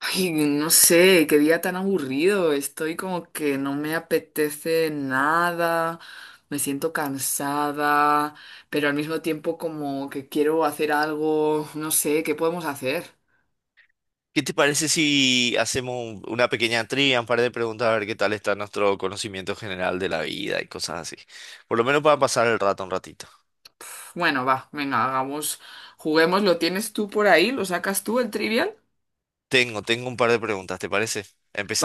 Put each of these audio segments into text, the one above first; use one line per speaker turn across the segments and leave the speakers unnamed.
Ay, no sé, qué día tan aburrido. Estoy como que no me apetece nada, me siento cansada, pero al mismo tiempo como que quiero hacer algo, no sé, ¿qué podemos hacer?
¿Qué te parece si hacemos una pequeña trivia, un par de preguntas, a ver qué tal está nuestro conocimiento general de la vida y cosas así? Por lo menos para pasar el rato un ratito.
Bueno, va, venga, hagamos, juguemos, ¿lo tienes tú por ahí? ¿Lo sacas tú el trivial?
Tengo un par de preguntas, ¿te parece?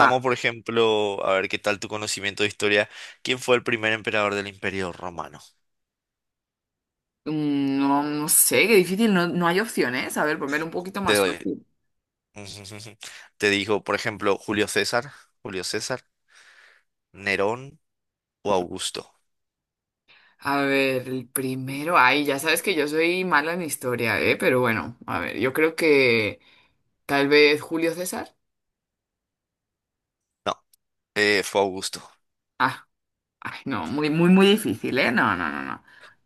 Va,
por ejemplo, a ver qué tal tu conocimiento de historia. ¿Quién fue el primer emperador del Imperio Romano?
no, no sé, qué difícil, no, no hay opciones. A ver, poner un poquito
Te
más
doy.
fácil.
Te digo, por ejemplo, Julio César, Nerón o Augusto.
A ver, el primero, ay, ya sabes que yo soy mala en historia, ¿eh? Pero bueno, a ver, yo creo que tal vez Julio César.
No, fue Augusto.
Ah, ay, no, muy, muy, muy difícil, ¿eh? No, no, no, no,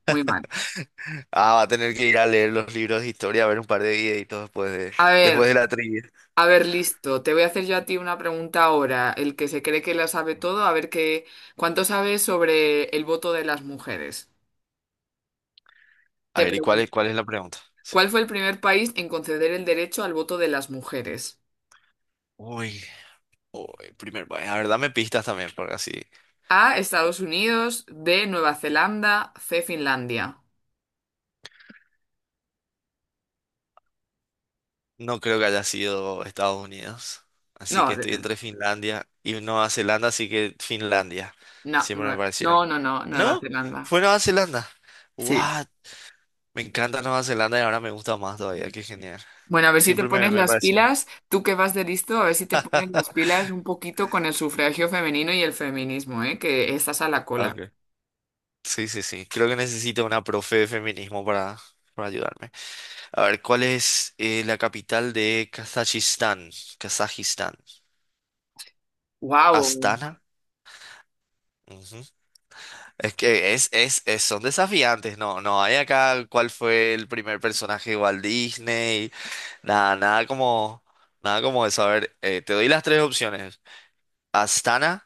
muy mal.
Ah, va a tener que ir a leer los libros de historia, a ver un par de videitos después de,
A ver,
después de la trivia.
a ver, listo, te voy a hacer yo a ti una pregunta ahora, el que se cree que lo sabe todo, a ver qué, ¿cuánto sabes sobre el voto de las mujeres?
A
Te
ver, ¿y cuál es, cuál
pregunto,
es la pregunta? Sí.
¿cuál fue el primer país en conceder el derecho al voto de las mujeres?
Uy, uy, primer país. A ver, dame pistas también, porque así
A, Estados Unidos, B, Nueva Zelanda, C, Finlandia.
no creo que haya sido Estados Unidos. Así que
No,
estoy entre Finlandia y Nueva Zelanda, así que Finlandia.
no,
Siempre me
no, no,
parecieron.
no, no, Nueva
¿No?
Zelanda.
Fue Nueva Zelanda.
Sí.
What? Me encanta Nueva Zelanda y ahora me gusta más todavía. Qué genial.
Bueno, a ver si te
Siempre me,
pones
me
las
pareció.
pilas, tú que vas de listo, a ver si te pones las pilas un poquito con el sufragio femenino y el feminismo, ¿eh? Que estás a la cola.
Ok. Sí, sí, sí. Creo que necesito una profe de feminismo para ayudarme. A ver, ¿cuál es la capital de Kazajistán? Kazajistán.
Wow.
Astana. Ujú. Es que es son desafiantes, no, no hay acá cuál fue el primer personaje de Walt Disney, nada, nada como, nada como eso. A ver, te doy las tres opciones. Astana,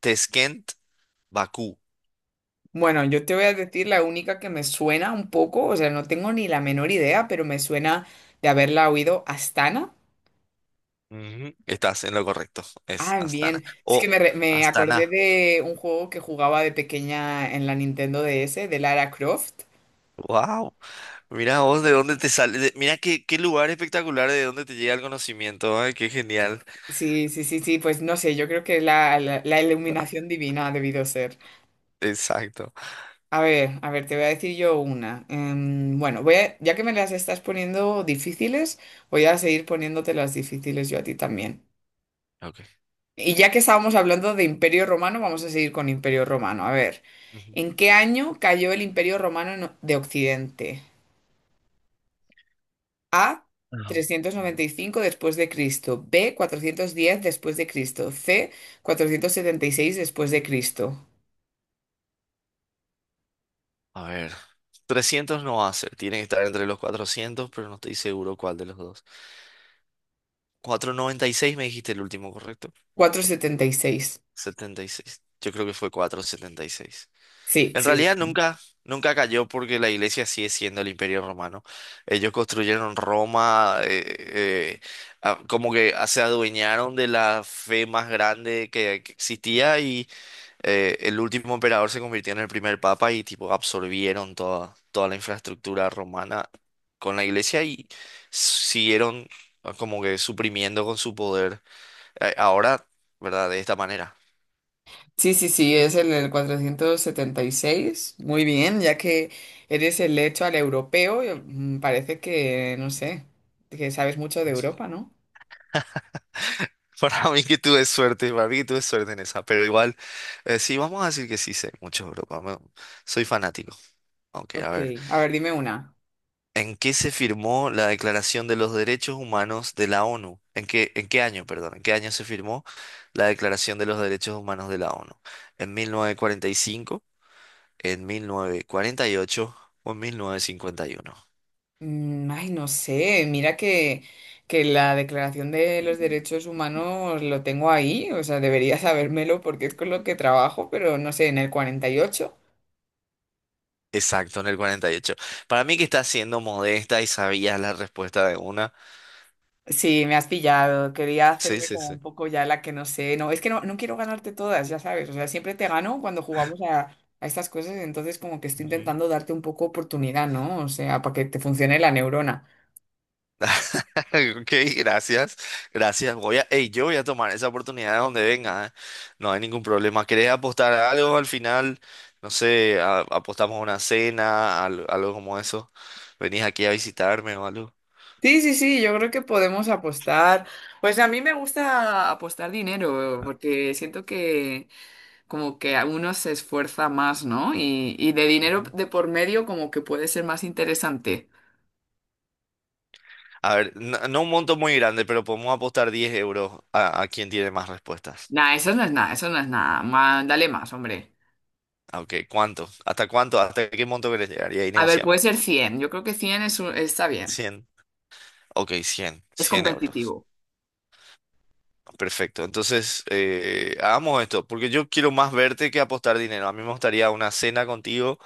Tashkent, Bakú.
Bueno, yo te voy a decir la única que me suena un poco, o sea, no tengo ni la menor idea, pero me suena de haberla oído Astana.
Ujú. Estás en lo correcto, es
Ah,
Astana.
bien. Es que
O
me acordé
Astana.
de un juego que jugaba de pequeña en la Nintendo DS, de Lara Croft.
Wow, mira vos de dónde te sale, mira qué, qué lugar espectacular de dónde te llega el conocimiento, ay, qué genial.
Sí, sí, sí, sí, pues no sé, yo creo que la iluminación divina ha debido ser.
Exacto.
A ver, te voy a decir yo una. Bueno, ya que me las estás poniendo difíciles, voy a seguir poniéndote las difíciles yo a ti también.
Ok.
Y ya que estábamos hablando de Imperio Romano, vamos a seguir con Imperio Romano. A ver,
Ujú.
¿en qué año cayó el Imperio Romano de Occidente? A,
Ah.
395 después de Cristo, B, 410 después de Cristo, C, 476 después de Cristo.
A ver, 300 no va a ser, tiene que estar entre los 400, pero no estoy seguro cuál de los dos. 496 me dijiste el último, ¿correcto?
476.
76. Yo creo que fue 476.
Sí,
En
sí, sí.
realidad nunca cayó porque la iglesia sigue siendo el imperio romano. Ellos construyeron Roma, eh, como que se adueñaron de la fe más grande que existía y el último emperador se convirtió en el primer papa y tipo absorbieron toda la infraestructura romana con la iglesia y siguieron como que suprimiendo con su poder, ahora, ¿verdad? De esta manera.
Sí, sí, sí, es el 476. Muy bien, ya que eres el hecho al europeo, parece que, no sé, que sabes mucho de Europa, ¿no?
Para mí que tuve suerte, para mí que tuve suerte en esa, pero igual, sí, vamos a decir que sí sé mucho, bro. Vamos, soy fanático. Ok, a
Ok,
ver.
a ver, dime una.
¿En qué se firmó la Declaración de los Derechos Humanos de la ONU? En qué año, perdón? ¿En qué año se firmó la Declaración de los Derechos Humanos de la ONU? ¿En 1945, en 1948 o en 1951?
Ay, no sé, mira que, la Declaración de los Derechos Humanos lo tengo ahí, o sea, debería sabérmelo porque es con lo que trabajo, pero no sé, en el 48.
Exacto, en el 48. Para mí que estás siendo modesta y sabías la respuesta de una.
Sí, me has pillado. Quería
Sí,
hacerme
sí,
como un
sí.
poco ya la que no sé. No, es que no, no quiero ganarte todas, ya sabes. O sea, siempre te gano cuando jugamos a estas cosas, entonces como que estoy intentando darte un poco oportunidad, ¿no? O sea, para que te funcione la neurona.
Ok, gracias, gracias. Voy a, ey, yo voy a tomar esa oportunidad de donde venga, ¿eh? No hay ningún problema. ¿Querés apostar a algo al final? No sé, apostamos a una cena, algo como eso. ¿Venís aquí a visitarme o algo?
Sí, sí, sí, yo creo que podemos apostar. Pues a mí me gusta apostar dinero, porque siento que como que a uno se esfuerza más, ¿no? Y de dinero
Ujú.
de por medio como que puede ser más interesante.
A ver, no, no un monto muy grande, pero podemos apostar 10 euros a quien tiene más respuestas.
Nah, eso no es nada, eso no es nada. Dale más, hombre.
Ah, Ok, ¿cuánto? ¿Hasta cuánto? ¿Hasta qué monto querés llegar? Y ahí
A ver, puede
negociamos.
ser 100. Yo creo que 100 es está bien.
100. Ok, cien
Es
cien euros.
competitivo.
Perfecto, entonces hagamos esto, porque yo quiero más verte que apostar dinero. A mí me gustaría una cena contigo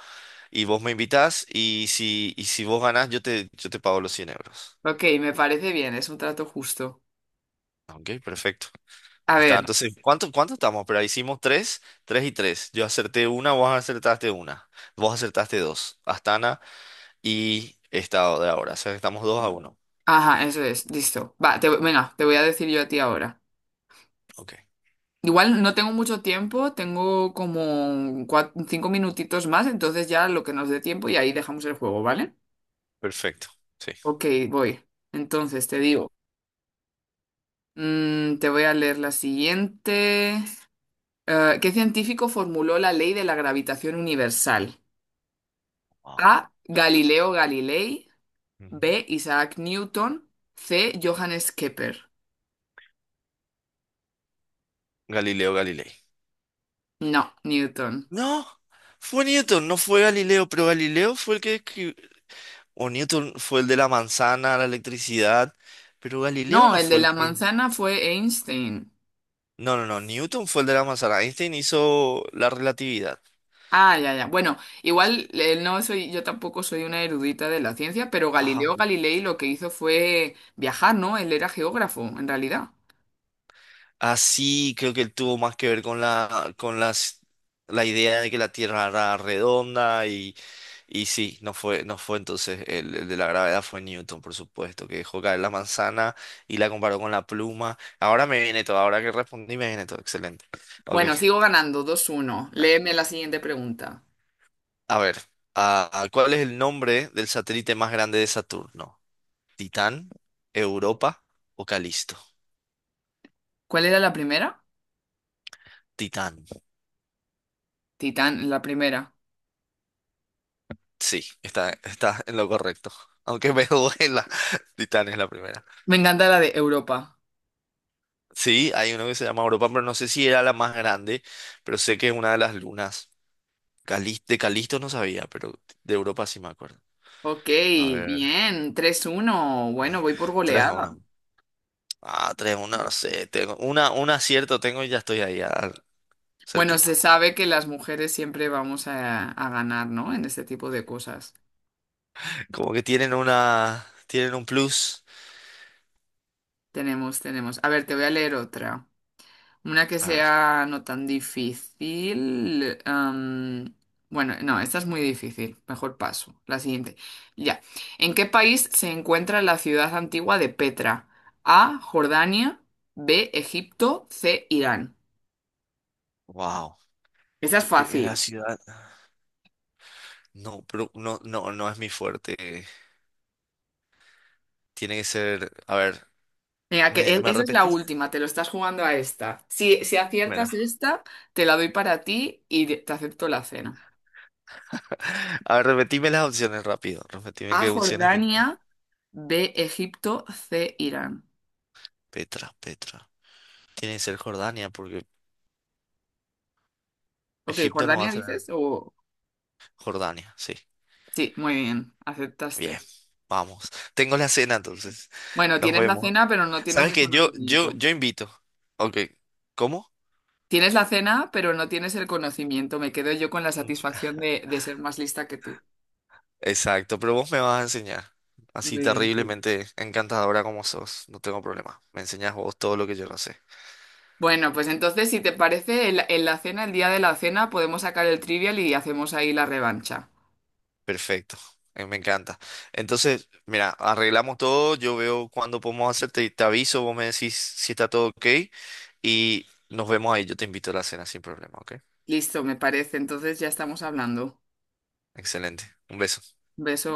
y vos me invitás y si vos ganás yo te pago los 100 euros.
Ok, me parece bien, es un trato justo.
Ok, perfecto.
A
Está,
ver,
entonces, ¿cuánto estamos? Pero hicimos tres, tres y tres. Yo acerté una, vos acertaste dos, Astana y Estado de ahora. O sea, estamos 2-1.
ajá, eso es, listo. Va, te, venga, te voy a decir yo a ti ahora.
Ok,
Igual no tengo mucho tiempo, tengo como 5 minutitos más, entonces ya lo que nos dé tiempo y ahí dejamos el juego, ¿vale?
perfecto. Sí.
Ok, voy. Entonces te digo, te voy a leer la siguiente. ¿Qué científico formuló la ley de la gravitación universal?
Wow.
A, Galileo Galilei.
Ujú.
B, Isaac Newton. C, Johannes Kepler.
Galileo Galilei.
No, Newton.
No, fue Newton, no fue Galileo, pero Galileo fue el que escri- o Newton fue el de la manzana, la electricidad, pero
No,
Galileo no
el de
fue el
la
que...
manzana fue Einstein.
No, no, no, Newton fue el de la manzana, Einstein hizo la relatividad.
Ah, ya, ya. Bueno, igual no soy, yo tampoco soy una erudita de la ciencia, pero Galileo
Ajá.
Galilei lo que hizo fue viajar, ¿no? Él era geógrafo, en realidad.
Así creo que él tuvo más que ver con las, la idea de que la Tierra era redonda y Y sí, no fue entonces el de la gravedad fue Newton, por supuesto, que dejó caer la manzana y la comparó con la pluma. Ahora me viene todo, ahora que respondí me viene todo, excelente. Ok,
Bueno, sigo ganando, 2-1. Léeme la siguiente pregunta.
a ver, ¿cuál es el nombre del satélite más grande de Saturno? ¿Titán, Europa o Calisto?
¿Cuál era la primera?
Titán,
Titán, la primera.
sí, está en lo correcto. Aunque me duela, Titán es la primera.
Me encanta la de Europa.
Sí, hay uno que se llama Europa, pero no sé si era la más grande, pero sé que es una de las lunas. Calis- de Calisto no sabía, pero de Europa sí me acuerdo.
Ok,
A ver,
bien, 3-1.
eh,
Bueno, voy por
3 a
goleada.
1. Ah, tres a 1, no sé. Tengo una, un acierto tengo y ya estoy ahí,
Bueno, se
cerquita.
sabe que las mujeres siempre vamos a, ganar, ¿no? En este tipo de cosas.
Como que tienen una, tienen un plus.
Tenemos, tenemos. A ver, te voy a leer otra. Una que
A ver,
sea no tan difícil. Bueno, no, esta es muy difícil. Mejor paso. La siguiente. Ya. ¿En qué país se encuentra la ciudad antigua de Petra? A, Jordania. B, Egipto. C, Irán.
wow.
Esta es
Es que la
fácil.
ciudad. No, pero no, no, no es mi fuerte. Tiene que ser. A ver,
Venga, que
¿me, me
esa es la
repetís?
última, te lo estás jugando a esta. Si
Bueno.
aciertas esta, te la doy para ti y te acepto la cena.
A ver, repetime las opciones rápido. Repetime
A,
qué opciones tenés.
Jordania, B, Egipto, C, Irán.
Petra, Petra. Tiene que ser Jordania, porque
Ok,
Egipto no va
¿Jordania
a tener.
dices? O.
Jordania, sí.
Sí, muy bien,
Bien,
aceptaste.
vamos. Tengo la cena, entonces.
Bueno,
Nos
tienes la
vemos.
cena, pero no tienes
¿Sabes
el
qué? Yo, yo,
conocimiento.
yo invito. Ok. ¿Cómo?
Tienes la cena, pero no tienes el conocimiento. Me quedo yo con la satisfacción de, ser más lista que tú.
Exacto, pero vos me vas a enseñar. Así
Muy bien, sí.
terriblemente encantadora como sos. No tengo problema. Me enseñas vos todo lo que yo no sé.
Bueno, pues entonces, si te parece, en la cena, el día de la cena, podemos sacar el trivial y hacemos ahí la revancha.
Perfecto. Me encanta. Entonces, mira, arreglamos todo. Yo veo cuándo podemos hacerte. Te aviso, vos me decís si está todo ok. Y nos vemos ahí. Yo te invito a la cena sin problema, ¿ok?
Listo, me parece. Entonces ya estamos hablando.
Excelente. Un beso.
Beso.